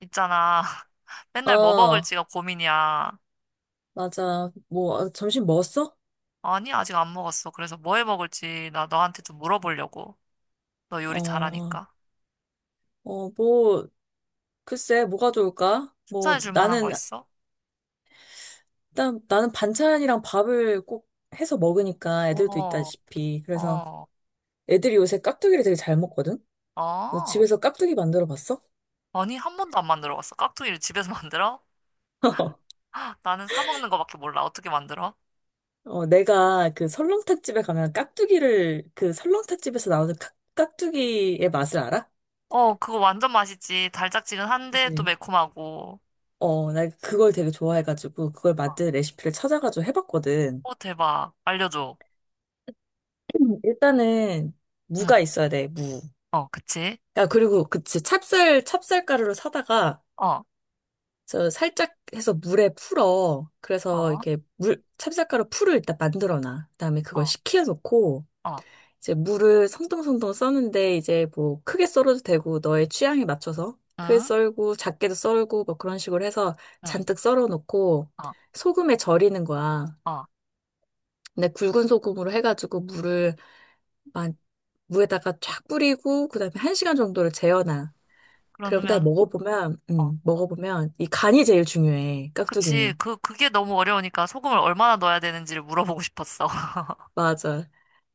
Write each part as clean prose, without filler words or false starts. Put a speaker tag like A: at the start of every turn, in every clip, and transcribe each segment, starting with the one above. A: 있잖아. 맨날 뭐
B: 어,
A: 먹을지가 고민이야.
B: 맞아. 뭐, 아, 점심 먹었어?
A: 아니, 아직 안 먹었어. 그래서 뭐 해 먹을지 나 너한테 좀 물어보려고. 너 요리
B: 어,
A: 잘하니까.
B: 어, 뭐, 글쎄, 뭐가 좋을까? 뭐,
A: 추천해 줄 만한 거
B: 나는,
A: 있어?
B: 일단, 나는 반찬이랑 밥을 꼭 해서 먹으니까 애들도
A: 어,
B: 있다시피. 그래서
A: 어,
B: 애들이 요새 깍두기를 되게 잘 먹거든? 너
A: 어.
B: 집에서 깍두기 만들어 봤어?
A: 아니, 한 번도 안 만들어 봤어. 깍두기를 집에서 만들어? 나는 사 먹는 거밖에 몰라. 어떻게 만들어?
B: 어, 내가 그 설렁탕 집에 가면 깍두기를, 그 설렁탕 집에서 나오는 깍두기의 맛을 알아?
A: 어, 그거 완전 맛있지. 달짝지근한데 또
B: 그지?
A: 매콤하고.
B: 어, 나 그걸 되게 좋아해가지고, 그걸 만든 레시피를 찾아가지고 해봤거든.
A: 어, 대박. 알려줘.
B: 일단은
A: 응,
B: 무가 있어야 돼, 무.
A: 어, 그치?
B: 야, 그리고 그치 찹쌀 가루를 사다가
A: 어,
B: 저 살짝 해서 물에 풀어. 그래서
A: 어,
B: 이렇게 물 찹쌀 가루 풀을 일단 만들어 놔. 그다음에
A: 어,
B: 그걸 식혀 놓고
A: 어,
B: 이제 물을 송동송동 써는데 이제 뭐 크게 썰어도 되고 너의 취향에 맞춰서 크게
A: 응,
B: 썰고 작게도 썰고 뭐 그런 식으로 해서
A: 응,
B: 잔뜩 썰어 놓고
A: 어,
B: 소금에 절이는 거야.
A: 어.
B: 근데 굵은 소금으로 해가지고 물을 무에다가 쫙 뿌리고 그다음에 한 시간 정도를 재워놔. 그럼 다
A: 그러면,
B: 먹어보면
A: 어.
B: 음 먹어보면 이 간이 제일 중요해,
A: 그치.
B: 깍두기는.
A: 그게 너무 어려우니까 소금을 얼마나 넣어야 되는지를 물어보고 싶었어.
B: 맞아.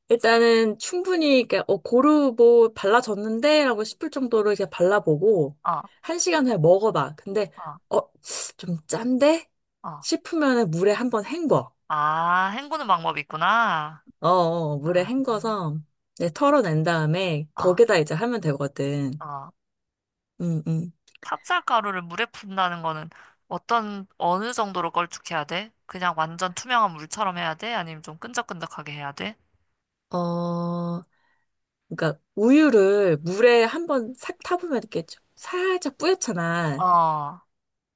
B: 일단은 충분히 그러니까 고루 뭐 발라졌는데라고 싶을 정도로 이렇게 발라보고
A: 어,
B: 한 시간 후에 먹어봐. 근데
A: 어,
B: 어 좀 짠데
A: 어.
B: 싶으면은 물에 한번 헹궈.
A: 아, 헹구는 방법이 있구나.
B: 어, 어 어, 물에
A: 아,
B: 헹궈서 이제 털어낸 다음에
A: 아,
B: 거기다 이제 하면 되거든.
A: 어.
B: 음 음.
A: 찹쌀가루를 물에 푼다는 거는 어느 정도로 걸쭉해야 돼? 그냥 완전 투명한 물처럼 해야 돼? 아니면 좀 끈적끈적하게 해야 돼?
B: 어. 그러니까 우유를 물에 한번 싹 타보면 이렇게 좀 살짝 뿌옇잖아.
A: 어,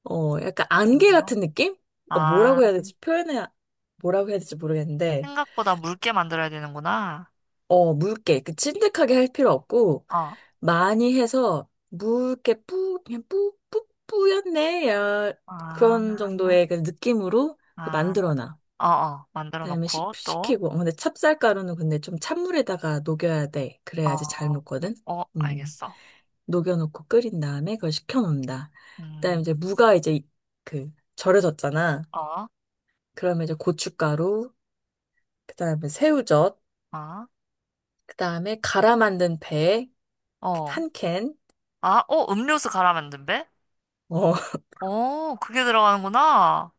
B: 어, 약간
A: 그
B: 안개
A: 정도로?
B: 같은 느낌? 어,
A: 아,
B: 뭐라고 해야 될지 모르겠는데,
A: 생각보다 묽게 만들어야 되는구나.
B: 어, 묽게, 그 찐득하게 할 필요 없고,
A: 어,
B: 많이 해서 묽게 뿌, 그냥 뿌, 뿌, 뿌였네. 야,
A: 아,
B: 그런 정도의 그 느낌으로
A: 아,
B: 만들어놔.
A: 어, 어. 만들어
B: 그다음에
A: 놓고 또,
B: 식히고, 어, 근데 찹쌀가루는 근데 좀 찬물에다가 녹여야 돼. 그래야지 잘
A: 어,
B: 녹거든.
A: 어,
B: 음. 음.
A: 알겠어.
B: 녹여놓고 끓인 다음에 그걸 식혀놓는다. 그다음에 이제
A: 음,
B: 무가 이제 그 절여졌잖아.
A: 아,
B: 그러면 이제 고춧가루, 그다음에 새우젓,
A: 아,
B: 그다음에 갈아 만든 배
A: 어,
B: 한 캔.
A: 아, 어, 음료수 갈아 만든 배?
B: 어,
A: 어, 그게 들어가는구나.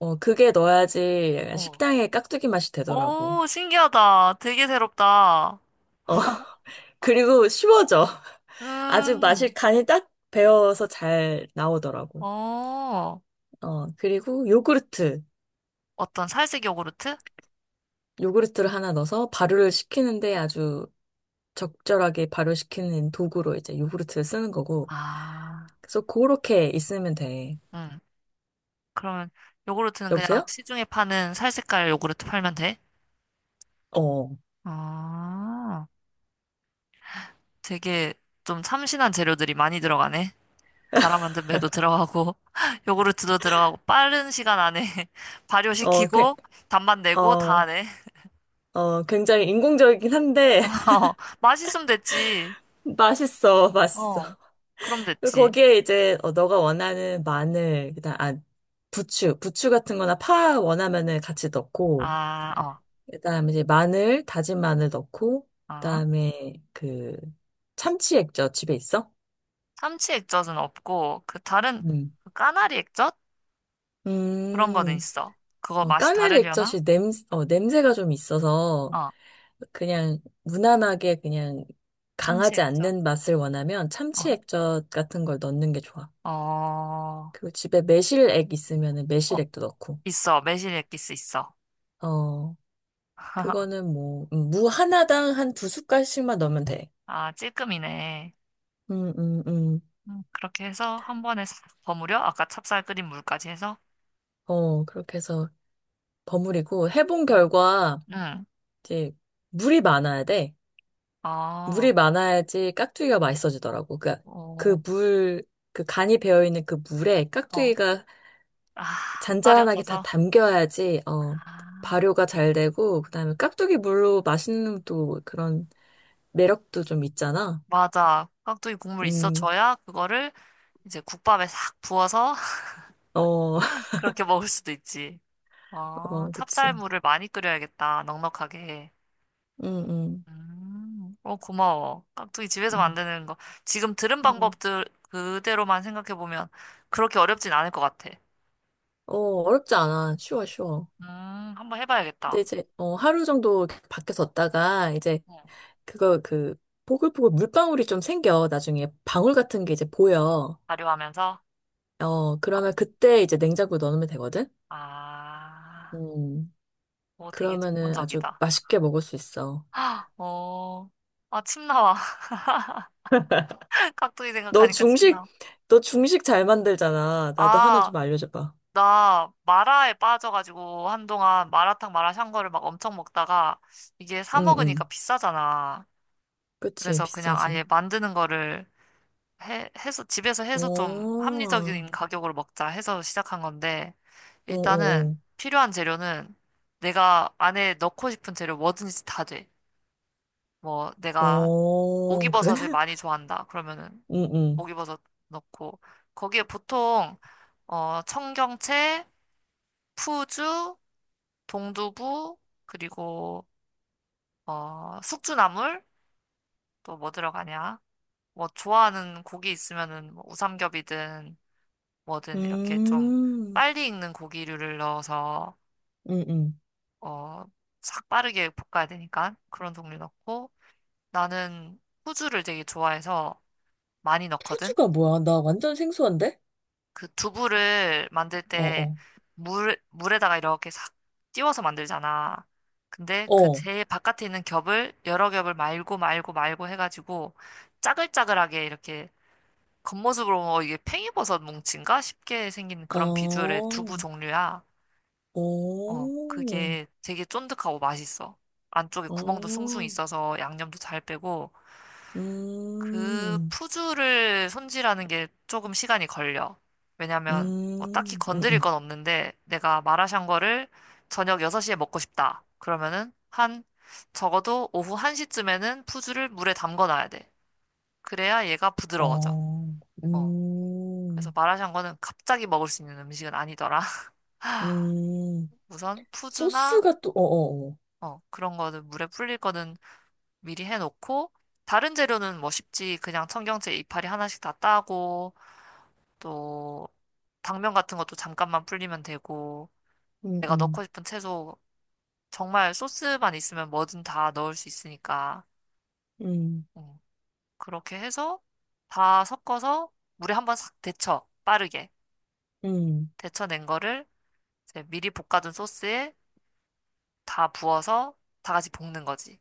B: 어, 그게 넣어야지
A: 어,
B: 식당의 깍두기 맛이 되더라고.
A: 오, 신기하다. 되게 새롭다.
B: 어, 그리고 쉬워져. 아주 맛이
A: 음,
B: 간이 딱 배어서 잘 나오더라고.
A: 어,
B: 어, 그리고 요구르트.
A: 어떤 살색 요구르트?
B: 요구르트를 하나 넣어서 발효를 시키는데 아주 적절하게 발효시키는 도구로 이제 요구르트를 쓰는 거고.
A: 아,
B: 그래서 그렇게 있으면 돼.
A: 음, 그러면 요구르트는 그냥
B: 여보세요?
A: 시중에 파는 살색깔 요구르트 팔면 돼?
B: 어,
A: 아, 되게 좀 참신한 재료들이 많이 들어가네. 가라 만든 배도 들어가고 요구르트도 들어가고 빠른 시간 안에
B: 어, 그,
A: 발효시키고 단맛 내고 다
B: 어,
A: 하네.
B: 어, 굉장히 인공적이긴 한데
A: 어, 맛있으면 됐지.
B: 맛있어, 맛있어.
A: 어, 그럼
B: 그
A: 됐지.
B: 거기에 이제 어, 너가 원하는 마늘, 그다음 아 부추 같은 거나 파 원하면은 같이 넣고,
A: 아, 어,
B: 그다음에 이제 다진 마늘 넣고,
A: 아.
B: 그다음에 그 참치 액젓 집에 있어?
A: 참치 액젓은 없고 그 다른 그 까나리 액젓 그런 거는
B: 음,
A: 있어. 그거
B: 어,
A: 맛이
B: 까나리
A: 다르려나?
B: 액젓이 냄새가 좀 있어서
A: 어,
B: 그냥 무난하게 그냥
A: 참치
B: 강하지
A: 액젓.
B: 않는 맛을 원하면 참치
A: 어,
B: 액젓 같은 걸 넣는 게 좋아.
A: 어,
B: 그리고 집에 매실액 있으면은
A: 어,
B: 매실액도 넣고.
A: 있어. 매실 액기스 있어.
B: 어, 그거는 뭐, 무 하나당 한 두 숟갈씩만 넣으면 돼.
A: 아, 찔끔이네.
B: 음, 음, 음.
A: 그렇게 해서 한 번에 싹 버무려. 아까 찹쌀 끓인 물까지 해서.
B: 어, 그렇게 해서 버무리고 해본 결과
A: 응.
B: 이제 물이 많아야 돼.
A: 아,
B: 물이 많아야지 깍두기가 맛있어지더라고.
A: 어,
B: 그 물, 그 간이 배어있는 그 물에
A: 어.
B: 깍두기가
A: 아,
B: 잔잔하게 다
A: 떨어져서.
B: 담겨야지, 어,
A: 아,
B: 발효가 잘 되고, 그다음에 깍두기 물로 맛있는 또 그런 매력도 좀 있잖아.
A: 맞아. 깍두기 국물
B: 음,
A: 있어줘야 그거를 이제 국밥에 싹 부어서
B: 어,
A: 그렇게 먹을 수도 있지. 아,
B: 어, 그치.
A: 찹쌀물을 많이 끓여야겠다. 넉넉하게.
B: 음, 음,
A: 어, 고마워. 깍두기 집에서
B: 음,
A: 만드는 거. 지금 들은
B: 음.
A: 방법들 그대로만 생각해보면 그렇게 어렵진 않을 것 같아.
B: 어, 어렵지 않아. 쉬워, 쉬워.
A: 음, 한번
B: 근데
A: 해봐야겠다.
B: 이제, 어, 하루 정도 이렇게 밖에 뒀다가, 이제,
A: 응,
B: 그거, 그, 보글보글 물방울이 좀 생겨. 나중에 방울 같은 게 이제 보여.
A: 발효하면서.
B: 어,
A: 어,
B: 그러면 그때 이제 냉장고에 넣어놓으면 되거든?
A: 아,
B: 음,
A: 오, 되게
B: 그러면은 아주
A: 전문적이다.
B: 맛있게 먹을 수 있어.
A: 어, 아, 침 나와. 깍두기
B: 너
A: 생각하니까 침
B: 중식,
A: 나와.
B: 너 중식 잘 만들잖아. 나도 하나
A: 아,
B: 좀 알려줘봐.
A: 나 마라에 빠져가지고 한동안 마라탕 마라샹궈를 막 엄청 먹다가 이게 사
B: 응,
A: 먹으니까
B: 응.
A: 비싸잖아.
B: 그치,
A: 그래서 그냥 아예
B: 비싸지.
A: 만드는 거를 해서, 집에서 해서 좀
B: 오,
A: 합리적인 가격으로 먹자 해서 시작한 건데 일단은
B: 오오오.
A: 필요한 재료는 내가 안에 넣고 싶은 재료 뭐든지 다 돼. 뭐 내가
B: 오, 그래?
A: 오기버섯을 많이 좋아한다. 그러면은
B: 응, 응.
A: 오기버섯 넣고 거기에 보통 어 청경채, 푸주, 동두부 그리고 어 숙주나물 또 뭐 들어가냐? 뭐 좋아하는 고기 있으면은 뭐 우삼겹이든 뭐든 이렇게 좀
B: 음,
A: 빨리 익는 고기류를 넣어서
B: 응, 응.
A: 어싹 빠르게 볶아야 되니까 그런 종류 넣고 나는 후주를 되게 좋아해서 많이 넣거든.
B: 푸주가 뭐야? 나 완전 생소한데?
A: 그 두부를 만들
B: 어,
A: 때
B: 어.
A: 물에다가 이렇게 싹 띄워서 만들잖아. 근데 그
B: 어.
A: 제일 바깥에 있는 겹을 여러 겹을 말고 말고 말고 해가지고 짜글짜글하게 이렇게 겉모습으로 어, 이게 팽이버섯 뭉친가 싶게 생긴 그런 비주얼의
B: 어,
A: 두부 종류야. 어,
B: 오,
A: 그게 되게 쫀득하고 맛있어. 안쪽에 구멍도 숭숭
B: 어,
A: 있어서 양념도 잘 빼고 그
B: 음.
A: 푸주를 손질하는 게 조금 시간이 걸려. 왜냐면 뭐 딱히
B: 음, 음,
A: 건드릴
B: 음.
A: 건 없는데 내가 마라샹궈를 저녁 6시에 먹고 싶다. 그러면은 한 적어도 오후 1시쯤에는 푸주를 물에 담궈 놔야 돼. 그래야 얘가 부드러워져.
B: 어,
A: 어. 그래서
B: 음,
A: 마라샹궈는 갑자기 먹을 수 있는 음식은 아니더라.
B: 음.
A: 우선 푸주나
B: 소스가 또, 어어어.
A: 어, 그런 거는 물에 불릴 거는 미리 해놓고 다른 재료는 뭐 쉽지. 그냥 청경채 이파리 하나씩 다 따고 또 당면 같은 것도 잠깐만 불리면 되고
B: 음,
A: 내가 넣고
B: 음,
A: 싶은 채소 정말 소스만 있으면 뭐든 다 넣을 수 있으니까
B: 음,
A: 음, 그렇게 해서 다 섞어서 물에 한번 싹 데쳐 빠르게
B: 음,
A: 데쳐낸 거를 이제 미리 볶아둔 소스에 다 부어서 다 같이 볶는 거지.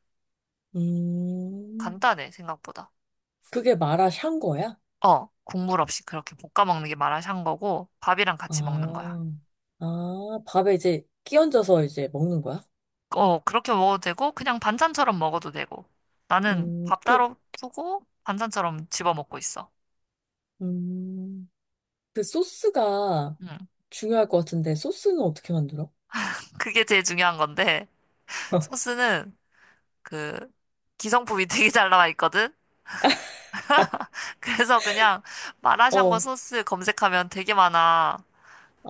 B: 음.
A: 간단해 생각보다.
B: 그게 마라샹 거야?
A: 어 국물 없이 그렇게 볶아 먹는 게 마라샹궈고 밥이랑 같이 먹는 거야.
B: 아, 아, 밥에 이제 끼얹어서 이제 먹는 거야?
A: 어, 그렇게 먹어도 되고, 그냥 반찬처럼 먹어도 되고. 나는 밥
B: 그,
A: 따로 푸고, 반찬처럼 집어 먹고 있어.
B: 음, 그 소스가
A: 음,
B: 중요할 것 같은데, 소스는 어떻게 만들어?
A: 그게 제일 중요한 건데, 소스는 그, 기성품이 되게 잘 나와 있거든? 그래서 그냥
B: 어,
A: 마라샹궈
B: 어,
A: 소스 검색하면 되게 많아.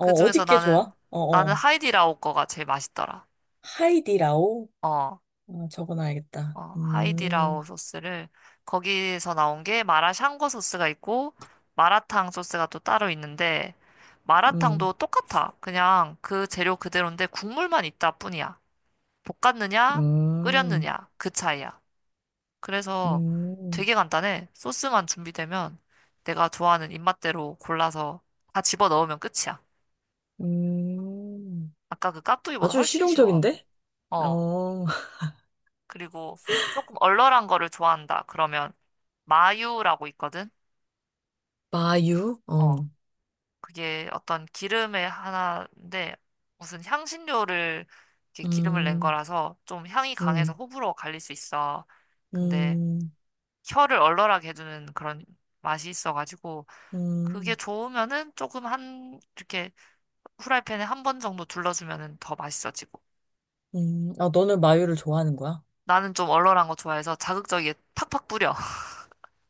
A: 그중에서
B: 게
A: 나는,
B: 좋아? 어,
A: 나는
B: 어.
A: 하이디라오 거가 제일 맛있더라.
B: 하이디라오?
A: 어,
B: 어, 적어놔야겠다.
A: 어, 하이디라오
B: 음.
A: 소스를 거기서 나온 게 마라샹궈 소스가 있고 마라탕 소스가 또 따로 있는데 마라탕도
B: 음,
A: 똑같아. 그냥 그 재료 그대로인데 국물만 있다 뿐이야. 볶았느냐,
B: 음,
A: 끓였느냐 그 차이야. 그래서
B: 음,
A: 되게 간단해. 소스만 준비되면 내가 좋아하는 입맛대로 골라서 다 집어 넣으면 끝이야.
B: 음.
A: 아까 그 깍두기보다
B: 아주
A: 훨씬 쉬워.
B: 실용적인데?
A: 어.
B: 어,
A: 그리고 조금 얼얼한 거를 좋아한다. 그러면 마유라고 있거든.
B: 마유? 어,
A: 어. 그게 어떤 기름의 하나인데 무슨 향신료를 이렇게 기름을 낸
B: 음,
A: 거라서 좀 향이 강해서
B: 음,
A: 호불호 갈릴 수 있어. 근데
B: 음,
A: 혀를 얼얼하게 해주는 그런 맛이 있어가지고 그게
B: 음,
A: 좋으면은 조금 한 이렇게 후라이팬에 한 번 정도 둘러주면은 더 맛있어지고
B: 아, 너는 마유를 좋아하는 거야?
A: 나는 좀 얼얼한 거 좋아해서 자극적이게 팍팍 뿌려.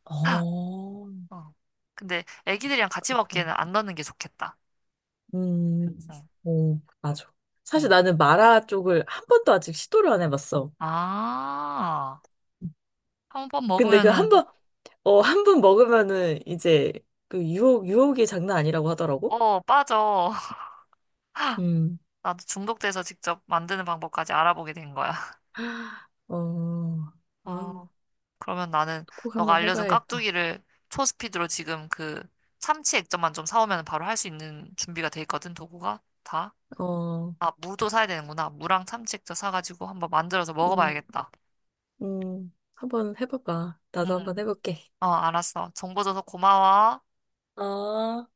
B: 어,
A: 어. 근데 애기들이랑 같이
B: 그렇구나.
A: 먹기에는 안 넣는 게 좋겠다.
B: 음,
A: 응,
B: 오, 맞아. 사실
A: 응.
B: 나는 마라 쪽을 한 번도 아직 시도를 안 해봤어.
A: 아, 한번
B: 근데 그
A: 먹으면은
B: 한 번 먹으면은 이제 그 유혹이 장난 아니라고 하더라고?
A: 어 빠져.
B: 음.
A: 나도 중독돼서 직접 만드는 방법까지 알아보게 된 거야.
B: 어, 아,
A: 어, 그러면 나는
B: 꼭
A: 너가
B: 한번
A: 알려준
B: 해봐야겠다.
A: 깍두기를 초스피드로 지금 그 참치 액젓만 좀 사오면 바로 할 수 있는 준비가 돼 있거든, 도구가 다.
B: 어,
A: 아, 무도 사야 되는구나. 무랑 참치 액젓 사가지고 한번 만들어서
B: 음,
A: 먹어봐야겠다.
B: 한번 해봐봐. 나도 한번
A: 음,
B: 해볼게.
A: 어, 알았어. 정보 줘서 고마워.
B: 어.